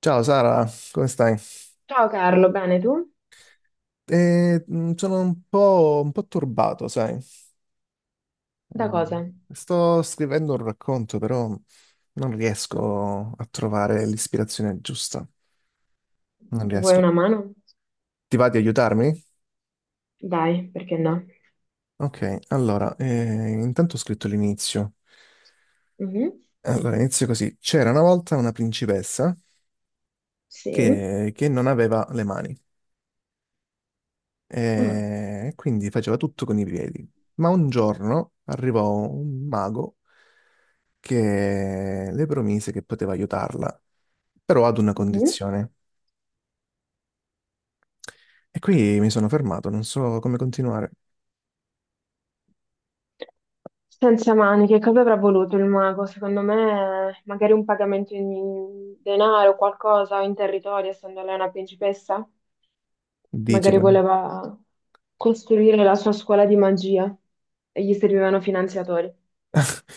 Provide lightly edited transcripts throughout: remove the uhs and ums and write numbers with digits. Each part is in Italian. Ciao Sara, come stai? Ciao Carlo, bene tu? Sono un po' turbato, sai? Da cosa? Sto scrivendo un racconto, però non riesco a trovare l'ispirazione giusta. Non Vuoi riesco. una mano? Ti va di aiutarmi? Dai, perché no? Ok, allora, intanto ho scritto l'inizio. Mhm. Allora, inizio così. C'era una volta una principessa Sì. che non aveva le mani Ah, e quindi faceva tutto con i piedi. Ma un giorno arrivò un mago che le promise che poteva aiutarla, però ad una mhm. condizione. E qui mi sono fermato, non so come continuare. Senza mani, che cosa avrà voluto il mago? Secondo me, magari un pagamento in denaro, qualcosa, o in territorio, essendo lei una principessa? Dici Magari con. voleva costruire la sua scuola di magia e gli servivano finanziatori.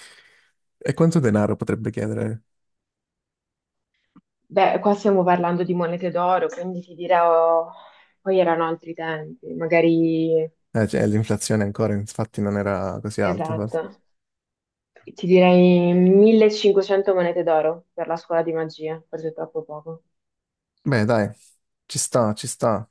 E quanto denaro potrebbe chiedere? Beh, qua stiamo parlando di monete d'oro, quindi ti dirò, poi erano altri tempi, magari Cioè, l'inflazione ancora, infatti, non era così alta, esatto. forse. Ti direi 1500 monete d'oro per la scuola di magia, forse è troppo poco. Beh, dai, ci sta, ci sta.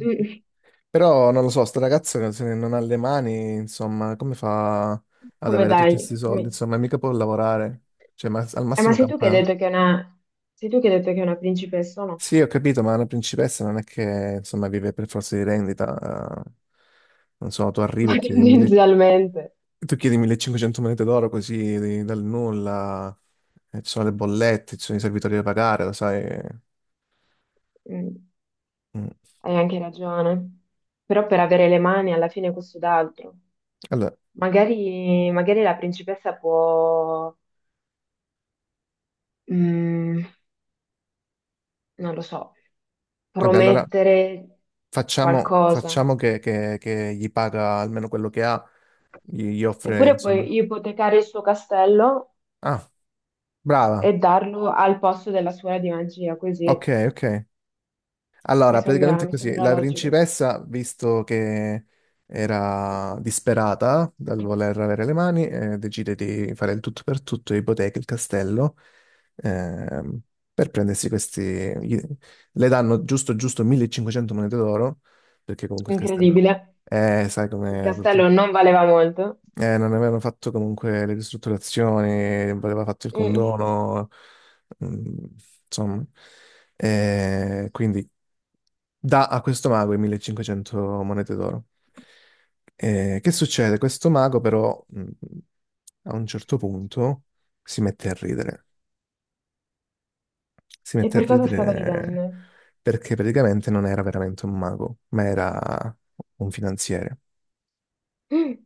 Mm. Però non lo so, sto ragazzo se non ha le mani, insomma, come fa ad Come avere tutti questi dai? soldi? Come- Insomma, mica può lavorare. Cioè, al ma massimo sei tu che hai campa. detto che è una... sei tu che hai detto che è una principessa, o no? Sì, ho capito, ma una principessa non è che insomma vive per forza di rendita. Non so, tu arrivi Ma e chiedi, tendenzialmente. tu chiedi 1500 monete d'oro così dal nulla, e ci sono le bollette, ci sono i servitori da pagare, lo sai. Mm. Mm. Hai anche ragione. Però per avere le mani alla fine questo d'altro. Allora, Magari, magari la principessa può, mm, non lo so, vabbè, allora promettere facciamo, qualcosa. facciamo che gli paga almeno quello che ha, gli offre, Oppure insomma. puoi ipotecare il suo castello Ah, e brava, darlo al posto della scuola di magia, così ok, ok. Allora, praticamente è mi così, sembra la logico. principessa, visto che era disperata dal voler avere le mani, decide di fare il tutto per tutto, ipoteca il castello, ehm, per prendersi questi... gli- Le danno giusto giusto 1500 monete d'oro, perché comunque il castello. Incredibile. Sai Il com'è, purtroppo. castello non valeva molto. Non avevano fatto comunque le ristrutturazioni, non aveva fatto il Mm. condono, mm, insomma. Quindi dà a questo mago i 1500 monete d'oro. Che succede? Questo mago però a un certo punto si mette a ridere. Si E mette a per cosa stava ridendo? ridere perché praticamente non era veramente un mago, ma era un finanziere. Mm.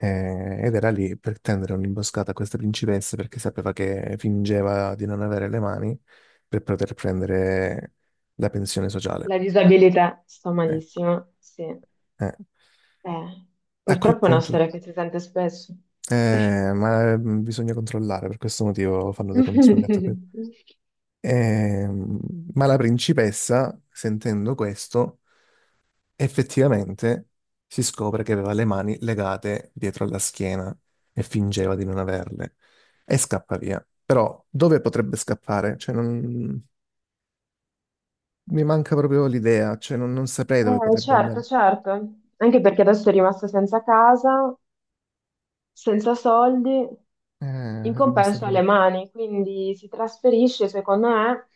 Ed era lì per tendere un'imboscata a questa principessa perché sapeva che fingeva di non avere le mani per poter prendere la pensione sociale. La disabilità. Sto Ecco, malissimo. Sì. eh. Eh, A quel purtroppo è una punto, storia che si sente spesso. Ma bisogna controllare, per questo motivo fanno dei controlli a tappeto. Ehm, ma la principessa, sentendo questo, effettivamente si scopre che aveva le mani legate dietro alla schiena e fingeva di non averle e scappa via. Però dove potrebbe scappare? Cioè, non. Mi manca proprio l'idea, cioè non saprei dove potrebbe certo, andare. certo. Anche perché adesso è rimasta senza casa, senza soldi, Eh, in è rimasto compenso preso. alle mani, quindi si trasferisce, secondo me,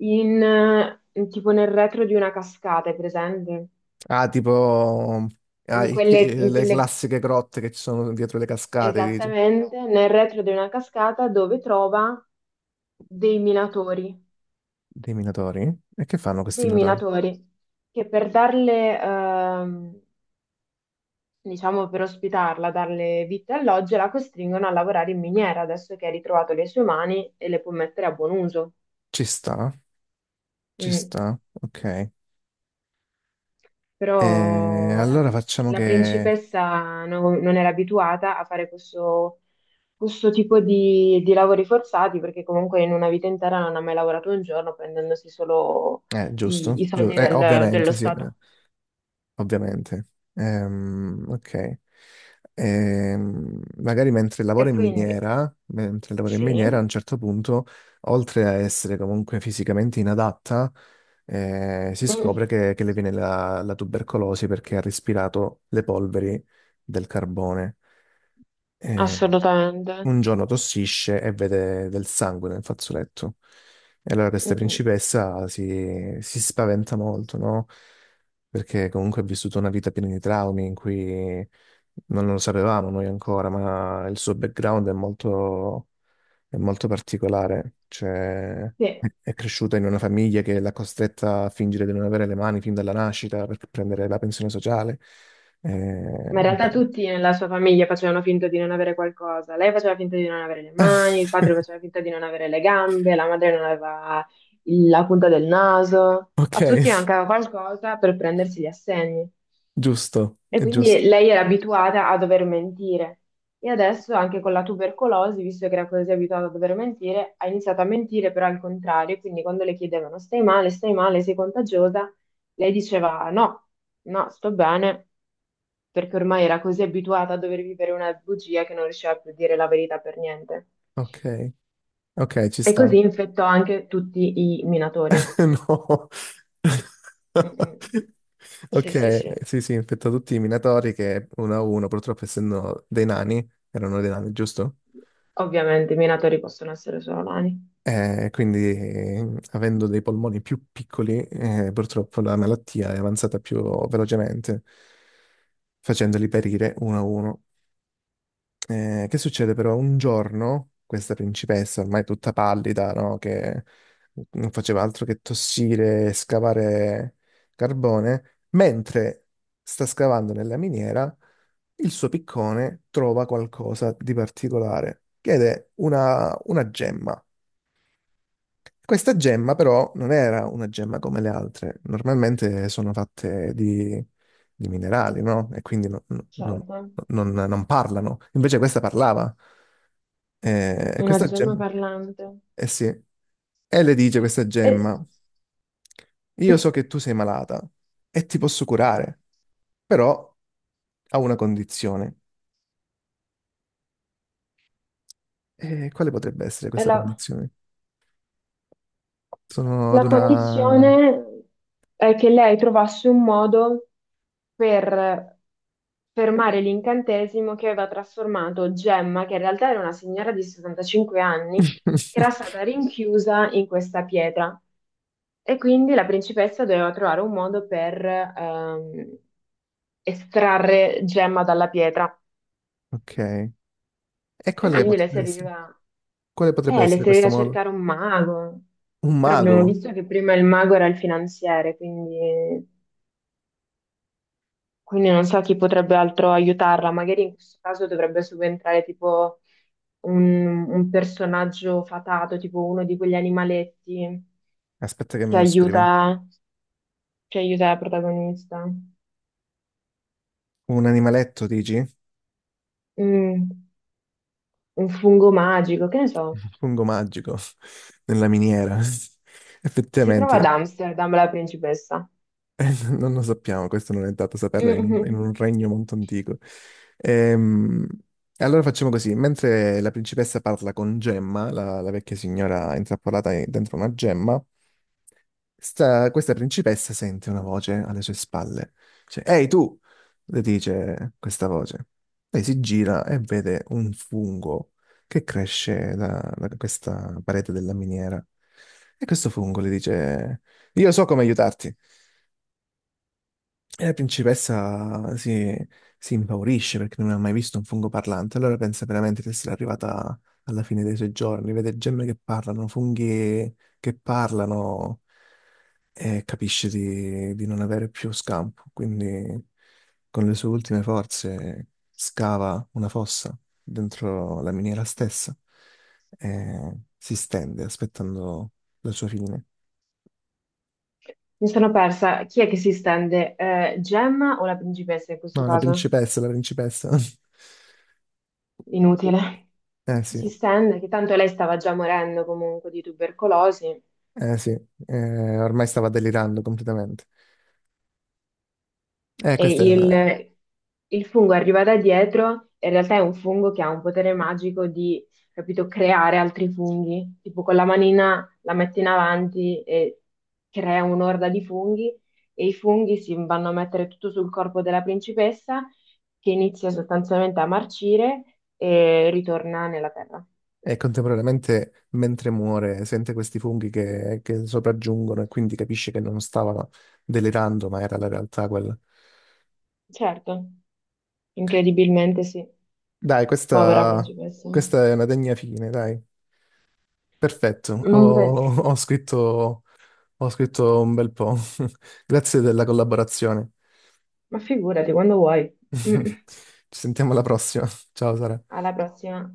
in, tipo nel retro di una cascata, è presente? Ah, tipo In le quelle- classiche grotte che ci sono dietro le cascate, dici? esattamente, nel retro di una cascata dove trova dei minatori, Dei minatori? E che fanno questi dei minatori? minatori che per darle, diciamo, per ospitarla, darle vite e alloggio, la costringono a lavorare in miniera, adesso che ha ritrovato le sue mani e le può mettere a buon uso. Ci sta, ci Mm. sta, ok. E Però la, allora facciamo la che. principessa no- non era abituata a fare questo, questo tipo di lavori forzati, perché comunque in una vita intera non ha mai lavorato un giorno, prendendosi solo i, Giusto, i soldi del- dello ovviamente, sì, Stato. ovviamente. Ok. Magari mentre E lavora in quindi miniera, mentre lavora in sì. miniera, a un certo punto, oltre a essere comunque fisicamente inadatta, si scopre Mm, che le viene la tubercolosi perché ha respirato le polveri del carbone. Eh, assolutamente. un giorno tossisce e vede del sangue nel fazzoletto. E allora Mm, questa mm. principessa si spaventa molto, no? Perché comunque ha vissuto una vita piena di traumi in cui non lo sapevamo noi ancora, ma il suo background è molto particolare. Cioè, Sì. è cresciuta in una famiglia che l'ha costretta a fingere di non avere le mani fin dalla nascita per prendere la pensione sociale. Eh, Ma in realtà tutti nella sua famiglia facevano finta di non avere qualcosa. Lei faceva finta di non avere le mani, il padre faceva finta di non avere le gambe, la madre non aveva il- la punta del naso. A Ok, tutti mancava qualcosa per prendersi gli assegni. giusto, E è quindi giusto. lei era abituata a dover mentire. E adesso anche con la tubercolosi, visto che era così abituata a dover mentire, ha iniziato a mentire però al contrario. Quindi quando le chiedevano stai male, sei contagiosa, lei diceva no, no, sto bene perché ormai era così abituata a dover vivere una bugia che non riusciva più a dire la verità per niente. Ok, ok, ci E sta. così infettò anche tutti i minatori. No. Mm, mm. Sì, sì, Ok, sì. sì, sì, infetta tutti i minatori che uno a uno, purtroppo essendo dei nani, erano dei nani, giusto? Ovviamente i minatori possono essere solo nani. Quindi, avendo dei polmoni più piccoli, purtroppo la malattia è avanzata più velocemente, facendoli perire uno a uno. Che succede però? Un giorno questa principessa, ormai tutta pallida, no? Che non faceva altro che tossire e scavare carbone, mentre sta scavando nella miniera, il suo piccone trova qualcosa di particolare, che è una gemma. Questa gemma però non era una gemma come le altre, normalmente sono fatte di minerali, no? E quindi non- Certo. non parlano, invece questa parlava. E Una questa gemma gemma, parlante. eh sì, e le dice questa E, gemma, io so che tu sei malata e ti posso curare, però ha una condizione. E quale potrebbe essere e questa la... condizione? Sono ad La una. condizione è che lei trovasse un modo per fermare l'incantesimo che aveva trasformato Gemma, che in realtà era una signora di 75 anni, che era stata rinchiusa in questa pietra. E quindi la principessa doveva trovare un modo per estrarre Gemma dalla pietra. Ok. E E quale quindi potrebbe essere? Quale potrebbe le essere questo serviva modo? cercare un mago. Un Però mago? abbiamo visto che prima il mago era il finanziere, quindi quindi non so chi potrebbe altro aiutarla, magari in questo caso dovrebbe subentrare tipo un personaggio fatato, tipo uno di quegli animaletti Aspetta che che me lo scrivo. aiuta, che aiuta la protagonista. Un animaletto, dici? Mm, un fungo magico, che ne so. Fungo magico nella miniera. Si trova ad Effettivamente, Amsterdam la principessa. Non lo sappiamo, questo non è dato saperlo in un Mm. regno molto antico. Ehm, allora facciamo così, mentre la principessa parla con Gemma, la vecchia signora intrappolata dentro una gemma, questa principessa sente una voce alle sue spalle. Dice, Ehi tu, le dice questa voce. Lei si gira e vede un fungo che cresce da questa parete della miniera. E questo fungo le dice, io so come aiutarti. E la principessa si impaurisce perché non ha mai visto un fungo parlante, allora pensa veramente di essere arrivata alla fine dei suoi giorni, vede gemme che parlano, funghi che parlano e capisce di non avere più scampo, quindi con le sue ultime forze scava una fossa dentro la miniera stessa e si stende aspettando la sua fine. Mi sono persa. Chi è che si stende? Gemma o la principessa in questo No, la caso? principessa, la principessa. Inutile. Eh sì. Si stende, che tanto lei stava già morendo comunque di tubercolosi. Eh sì, ormai stava delirando completamente. E Questa il fungo arriva da dietro, e in realtà è un fungo che ha un potere magico di, capito, creare altri funghi. Tipo con la manina la metti in avanti e crea un'orda di funghi e i funghi si vanno a mettere tutto sul corpo della principessa che inizia sostanzialmente a marcire e ritorna nella terra. è contemporaneamente, mentre muore, sente questi funghi che sopraggiungono e quindi capisce che non stava delirando, ma era la realtà quella. Certo, incredibilmente sì. Dai, Povera questa, principessa. questa è una degna fine, dai. Perfetto, Non ho, pote- ho scritto, ho scritto un bel po'. Grazie della collaborazione. Ma figurati, quando vuoi. Mm. Ci sentiamo alla prossima. Ciao Sara. Alla prossima.